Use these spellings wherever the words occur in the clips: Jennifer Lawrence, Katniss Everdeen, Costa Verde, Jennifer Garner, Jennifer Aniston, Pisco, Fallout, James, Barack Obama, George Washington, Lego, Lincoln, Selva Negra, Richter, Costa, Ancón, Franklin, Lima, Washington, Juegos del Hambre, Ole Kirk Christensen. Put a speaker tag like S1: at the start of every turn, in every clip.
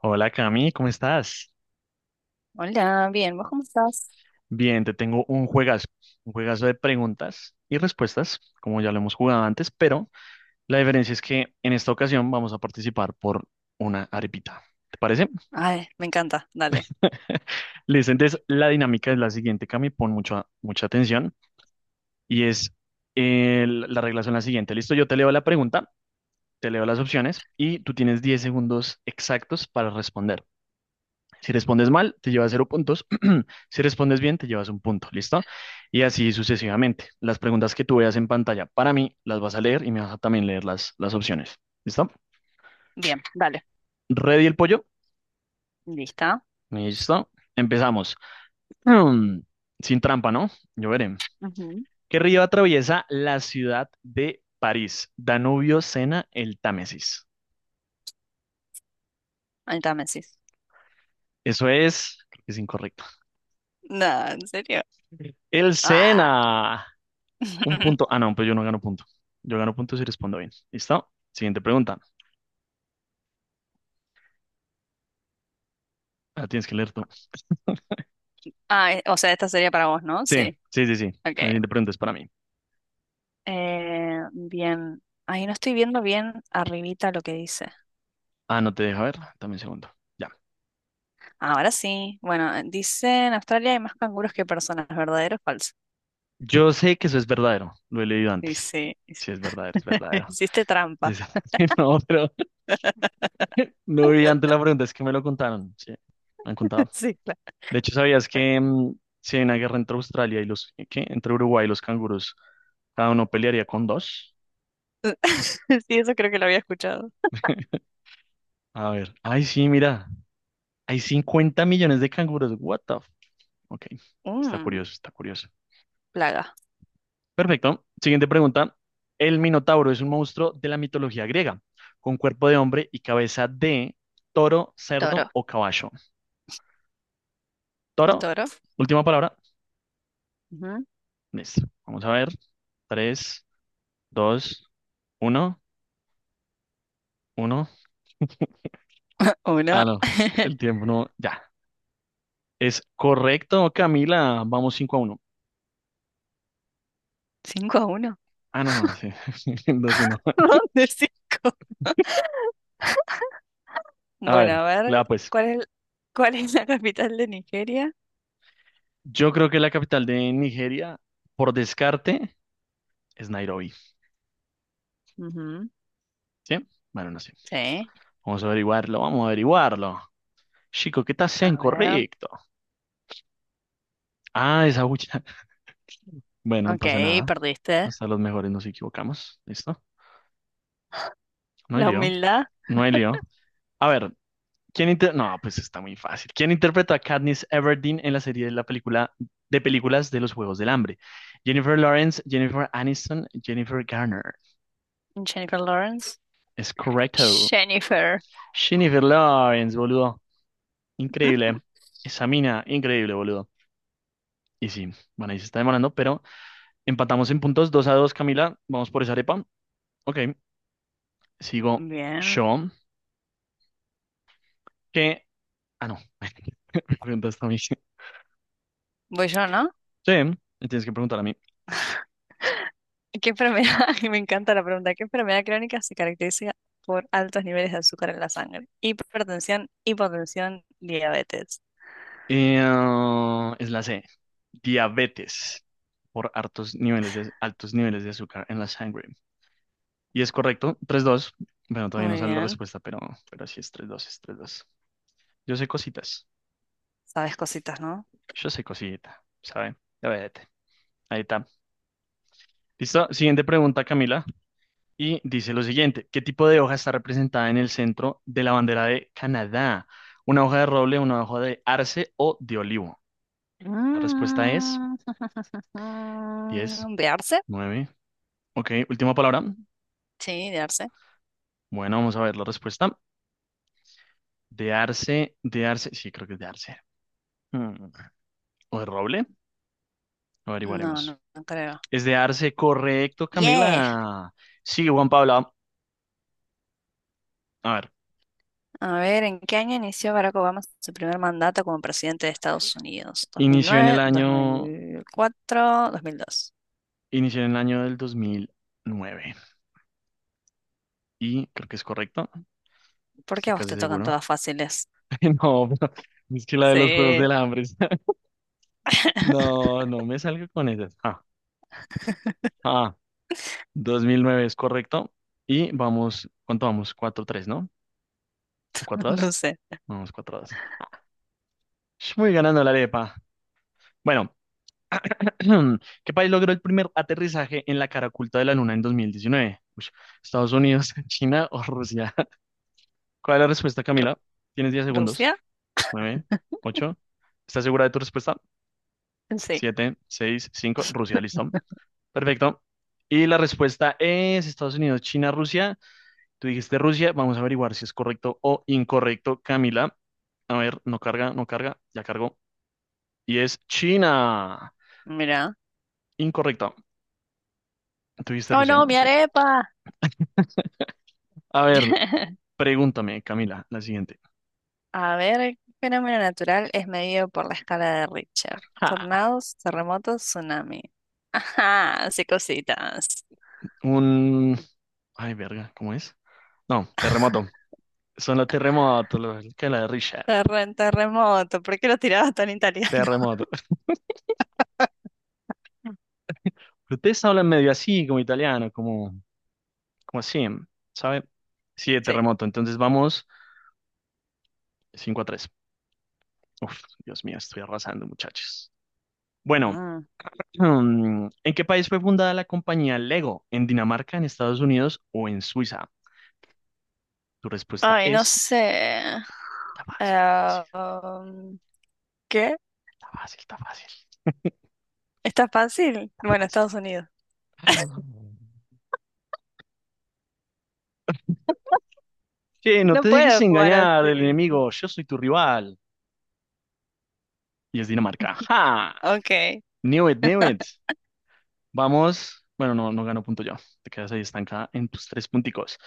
S1: Hola Cami, ¿cómo estás?
S2: Hola, bien, ¿vos cómo estás?
S1: Bien, te tengo un juegazo de preguntas y respuestas, como ya lo hemos jugado antes, pero la diferencia es que en esta ocasión vamos a participar por una arepita. ¿Te parece?
S2: Ay, me encanta, dale.
S1: Listo, entonces la dinámica es la siguiente, Cami, pon mucha, mucha atención y es la regla son la siguiente. Listo, yo te leo la pregunta, te leo las opciones y tú tienes 10 segundos exactos para responder. Si respondes mal, te llevas cero puntos. Si respondes bien, te llevas un punto. ¿Listo? Y así sucesivamente. Las preguntas que tú veas en pantalla para mí las vas a leer y me vas a también leer las opciones. ¿Listo?
S2: Bien, dale.
S1: ¿Ready el pollo?
S2: ¿Lista?
S1: Listo. Empezamos. Mm, sin trampa, ¿no? Yo veré.
S2: Ujú.
S1: ¿Qué río atraviesa la ciudad de París? Danubio, Sena, el Támesis.
S2: Ahí está, me decís.
S1: Eso es, creo que es incorrecto.
S2: No, ¿en serio?
S1: El
S2: Ah.
S1: Sena. Un punto. Ah, no, pues yo no gano punto. Yo gano punto si respondo bien. ¿Listo? Siguiente pregunta. Ah, tienes que leer tú.
S2: O sea, esta sería para vos, ¿no?
S1: Sí,
S2: Sí.
S1: sí, sí, sí.
S2: Ok.
S1: La siguiente pregunta es para mí.
S2: Bien. Ahí no estoy viendo bien arribita lo que dice.
S1: Ah, no te deja ver. Dame un segundo. Ya.
S2: Ahora sí. Bueno, dice, en Australia hay más canguros que personas, ¿verdadero o falso?
S1: Yo sé que eso es verdadero. Lo he leído
S2: Y
S1: antes.
S2: sí.
S1: Sí, es verdadero, es verdadero.
S2: Hiciste trampa.
S1: Es- No, pero no vi antes la pregunta. Es que me lo contaron. Sí, me han contado.
S2: Sí, claro.
S1: De hecho, ¿sabías que si hay una guerra entre Australia y los... ¿Qué? Entre Uruguay y los canguros, cada uno pelearía con dos?
S2: Sí, eso creo que lo había escuchado.
S1: A ver. Ay, sí, mira. Hay 50 millones de canguros. What the... Ok. Está
S2: Mm,
S1: curioso, está curioso.
S2: plaga.
S1: Perfecto. Siguiente pregunta. El Minotauro es un monstruo de la mitología griega, con cuerpo de hombre y cabeza de toro, cerdo
S2: Toro.
S1: o caballo.
S2: ¿Un
S1: Toro,
S2: toro?
S1: última palabra.
S2: Ujú.
S1: Listo. Vamos a ver. Tres, dos, uno, uno. Ah,
S2: Uno.
S1: no. El tiempo no. Ya. Es correcto, Camila. Vamos 5-1.
S2: Cinco a uno.
S1: Ah, no, sí. 2-1.
S2: ¿Dónde cinco?
S1: A ver,
S2: Bueno, a ver,
S1: la pues.
S2: ¿cuál es, ¿cuál es la capital de Nigeria?
S1: Yo creo que la capital de Nigeria, por descarte, es Nairobi.
S2: Ujú.
S1: ¿Sí? Bueno, no sé.
S2: Sí,
S1: Vamos a averiguarlo, vamos a averiguarlo. Chico, ¿qué tal sea
S2: a ver.
S1: incorrecto? Ah, esa bucha. Bueno, no
S2: Ok,
S1: pasa nada.
S2: perdiste.
S1: Hasta los mejores nos equivocamos. ¿Listo? No hay
S2: La
S1: lío.
S2: humildad.
S1: No hay lío. A ver, No, pues está muy fácil. ¿Quién interpreta a Katniss Everdeen en la serie de la película de películas de los Juegos del Hambre? Jennifer Lawrence, Jennifer Aniston, Jennifer Garner.
S2: Jennifer Lawrence.
S1: Es correcto.
S2: Jennifer.
S1: Jennifer Lawrence, boludo. Increíble. Esa mina, increíble, boludo. Y sí, bueno, ahí se está demorando, pero empatamos en puntos 2-2, Camila. Vamos por esa arepa. Ok, sigo
S2: Bien.
S1: yo. Que. Ah, no. Me preguntaste a mí. Sí,
S2: Voy yo, ¿no?
S1: me tienes que preguntar a mí.
S2: ¿Qué enfermedad? Me encanta la pregunta. ¿Qué enfermedad crónica se caracteriza por altos niveles de azúcar en la sangre? Hipertensión, hipotensión, diabetes.
S1: Es la C. Diabetes por altos niveles de azúcar en la sangre. Y es correcto, 3-2. Bueno, todavía no
S2: Muy
S1: sale la
S2: bien.
S1: respuesta, pero sí es tres dos, es tres dos. Yo sé cositas.
S2: Sabes cositas, no.
S1: Yo sé cosita, ¿sabe? Diabetes. Ahí está. ¿Listo? Siguiente pregunta, Camila. Y dice lo siguiente, ¿qué tipo de hoja está representada en el centro de la bandera de Canadá? ¿Una hoja de roble, una hoja de arce o de olivo? La respuesta es
S2: Mm.
S1: diez,
S2: ¿De arce?
S1: 9. Ok, última palabra.
S2: Sí, de arce.
S1: Bueno, vamos a ver la respuesta. De arce, sí, creo que es de arce. Mm, ¿o de roble?
S2: No,
S1: Averiguaremos.
S2: no, no creo.
S1: Es de arce, correcto,
S2: Yeah.
S1: Camila. Sí, Juan Pablo. A ver,
S2: A ver, ¿en qué año inició Barack Obama su primer mandato como presidente de Estados Unidos?
S1: inició en el
S2: ¿2009,
S1: año,
S2: 2004, 2002?
S1: inició en el año del 2009 y creo que es correcto,
S2: ¿Por qué
S1: estoy
S2: a vos
S1: casi
S2: te tocan
S1: seguro.
S2: todas fáciles?
S1: No, pero es que la de los Juegos
S2: Sí.
S1: del Hambre. No, no me salga con esas. Ah, 2009 es correcto. Y vamos, ¿cuánto vamos? Cuatro tres, ¿no? O cuatro dos.
S2: No sé.
S1: Vamos, cuatro dos. Voy ganando la arepa. Bueno, ¿qué país logró el primer aterrizaje en la cara oculta de la Luna en 2019? Ush, ¿Estados Unidos, China o Rusia? ¿Cuál es la respuesta, Camila? Tienes 10 segundos.
S2: ¿Rusia?
S1: 9, 8. ¿Estás segura de tu respuesta?
S2: Sí.
S1: 7, 6, 5. Rusia, listo. Perfecto. Y la respuesta es Estados Unidos, China, Rusia. Tú dijiste Rusia. Vamos a averiguar si es correcto o incorrecto, Camila. A ver, no carga, no carga. Ya cargó. Y es China.
S2: Mira.
S1: Incorrecto. Tú dijiste
S2: ¡Oh,
S1: Rusia, ¿no?
S2: no, mi
S1: Sí.
S2: arepa!
S1: A ver, pregúntame, Camila, la siguiente.
S2: A ver, el fenómeno natural es medido por la escala de Richter.
S1: Ja.
S2: Tornados, terremotos, tsunami. Ajá, sí, cositas.
S1: Un... Ay, verga, ¿cómo es? No, terremoto. Son los terremotos, los- que la de Richard.
S2: Terremoto, ¿por qué lo tirabas tan italiano?
S1: Terremoto. Ustedes hablan medio así, como italiano, como, como así, ¿sabe? Sí, de
S2: Sí.
S1: terremoto. Entonces vamos. 5 a tres. Uf, Dios mío, estoy arrasando, muchachos. Bueno,
S2: Mm.
S1: ¿en qué país fue fundada la compañía Lego? ¿En Dinamarca, en Estados Unidos o en Suiza? Tu respuesta
S2: Ay, no
S1: es...
S2: sé.
S1: Está fácil, está fácil,
S2: Eh, um, ¿Qué?
S1: está fácil, está fácil,
S2: ¿Está fácil?
S1: está
S2: Bueno, Estados Unidos.
S1: fácil. Che, no
S2: No
S1: te dejes
S2: puedo jugar
S1: engañar, el
S2: así.
S1: enemigo. Yo soy tu rival. Y es Dinamarca. ¡Ja!
S2: Ok.
S1: Knew it, knew it. Vamos. Bueno, no, no gano punto yo. Te quedas ahí estancada en tus tres punticos.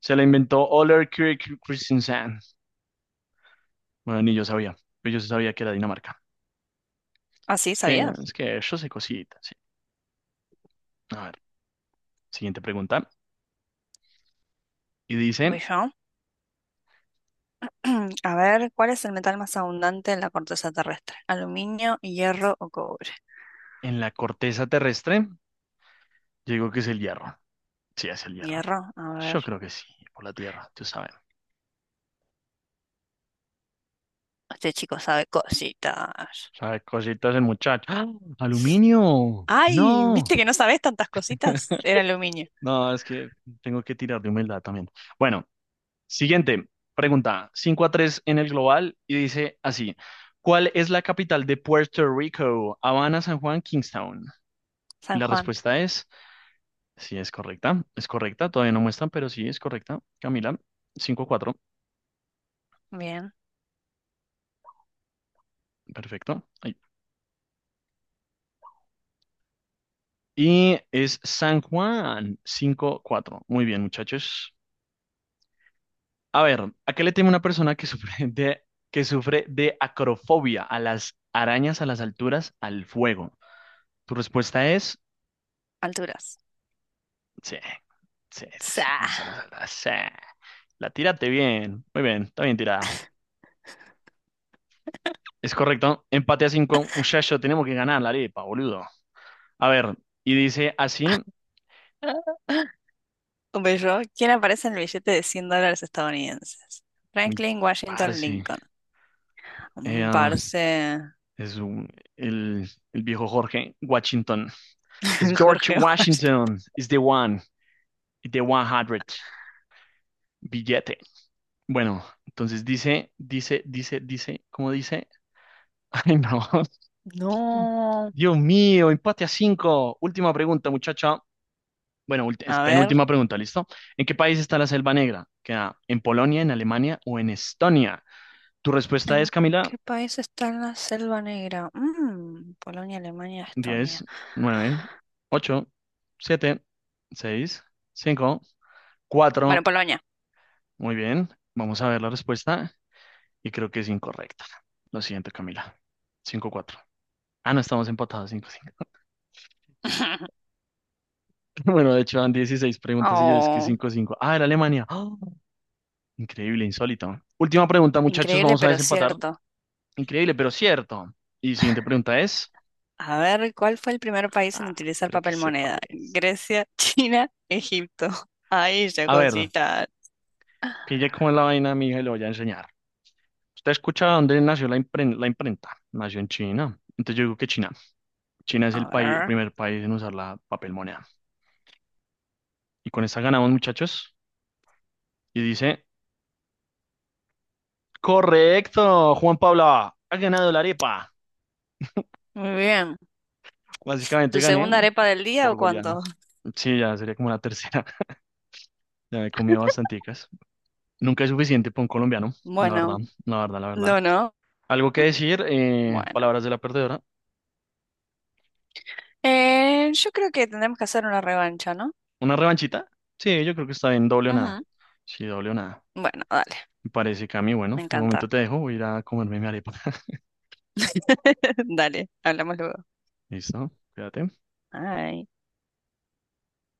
S1: Se la inventó Oler Kirk Christensen. Bueno, ni yo sabía, pero yo sí sabía que era Dinamarca.
S2: Así
S1: Es que,
S2: sabía.
S1: es que yo sé cositas, sí. A ver, siguiente pregunta. Y
S2: Voy
S1: dice,
S2: yo. A ver, ¿cuál es el metal más abundante en la corteza terrestre? ¿Aluminio, hierro o cobre?
S1: en la corteza terrestre, yo digo que es el hierro. Sí, es el hierro.
S2: Hierro, a
S1: Yo
S2: ver.
S1: creo que sí, por la tierra, tú sabes.
S2: Este chico sabe cositas.
S1: Sabe cositas el muchacho. ¡Ah! ¡Aluminio!
S2: ¡Ay!
S1: ¡No!
S2: ¿Viste que no sabes tantas cositas? Era aluminio.
S1: No, es que tengo que tirar de humildad también. Bueno, siguiente pregunta. 5-3 en el global y dice así. ¿Cuál es la capital de Puerto Rico? Habana, San Juan, Kingstown. Y
S2: San
S1: la
S2: Juan.
S1: respuesta es, sí, es correcta, todavía no muestran, pero sí, es correcta. Camila, 5-4,
S2: Bien.
S1: perfecto. Ahí. Y es San Juan, 5-4. Muy bien, muchachos. A ver, ¿a qué le teme una persona que sufre de acrofobia? A las arañas, a las alturas, al fuego. Tu respuesta es,
S2: Alturas.
S1: sí, sí, sí, sí,
S2: Sa.
S1: sí, sí. La tírate bien, muy bien, está bien tirada. Es correcto, empate a cinco, muchacho, tenemos que ganar la arepa, boludo. A ver, y dice así,
S2: Un bello. ¿Quién aparece en el billete de 100 dólares estadounidenses?
S1: uy,
S2: Franklin, Washington,
S1: parce,
S2: Lincoln.
S1: eh,
S2: Mm,
S1: ah,
S2: parce.
S1: es un- el viejo Jorge Washington. Es George
S2: Jorge Washington.
S1: Washington, is the one hundred billete. Bueno, entonces dice, dice, dice, dice, ¿cómo dice? Ay, no,
S2: No.
S1: Dios mío, empate a cinco. Última pregunta, muchacho. Bueno, es
S2: A ver.
S1: penúltima pregunta, ¿listo? ¿En qué país está la Selva Negra? ¿Queda en Polonia, en Alemania o en Estonia? Tu respuesta es,
S2: ¿En
S1: Camila.
S2: qué país está la Selva Negra? Mm, Polonia, Alemania, Estonia.
S1: Diez, nueve, ocho, siete, seis, cinco,
S2: Bueno,
S1: cuatro.
S2: Polonia.
S1: Muy bien, vamos a ver la respuesta y creo que es incorrecta. Lo siento, Camila. 5-4. Ah, no, estamos empatados 5-5. Bueno, de hecho, van 16 preguntas y yo es que
S2: Oh.
S1: 5 5. Ah, era Alemania. ¡Ah! Increíble, insólito. Última pregunta, muchachos,
S2: Increíble,
S1: vamos a
S2: pero
S1: desempatar.
S2: cierto.
S1: Increíble, pero cierto. Y siguiente pregunta es...
S2: A ver, ¿cuál fue el primer país en
S1: Ah,
S2: utilizar
S1: creo que
S2: papel
S1: sé cuál
S2: moneda?
S1: es.
S2: Grecia, China, Egipto. Ahí esa
S1: A ver,
S2: cosita.
S1: pille cómo es la vaina, mija, y lo voy a enseñar. Usted escucha dónde nació la la imprenta. Nació en China. Entonces yo digo que China. China es el
S2: A
S1: país, el
S2: ver.
S1: primer país en usar la papel moneda. Y con esta ganamos, muchachos. Y dice, correcto, Juan Pablo, ha ganado la arepa.
S2: Muy bien.
S1: Básicamente
S2: ¿Tu segunda
S1: gané
S2: arepa del día
S1: por
S2: o
S1: goleado.
S2: cuánto?
S1: Sí, ya sería como la tercera. Ya me he comido bastanticas. Nunca es suficiente para un colombiano, la verdad,
S2: Bueno,
S1: la verdad, la verdad.
S2: no, no.
S1: Algo que decir,
S2: Bueno.
S1: palabras de la perdedora.
S2: Yo creo que tendremos que hacer una revancha, ¿no?
S1: ¿Una revanchita? Sí, yo creo que está bien, doble o nada.
S2: Ujú.
S1: Sí, doble o nada.
S2: Bueno, dale.
S1: Me parece, Cami,
S2: Me
S1: bueno, de momento
S2: encanta.
S1: te dejo, voy a ir a comerme mi arepa.
S2: Dale, hablamos luego.
S1: ¿Listo? Cuídate.
S2: Ay.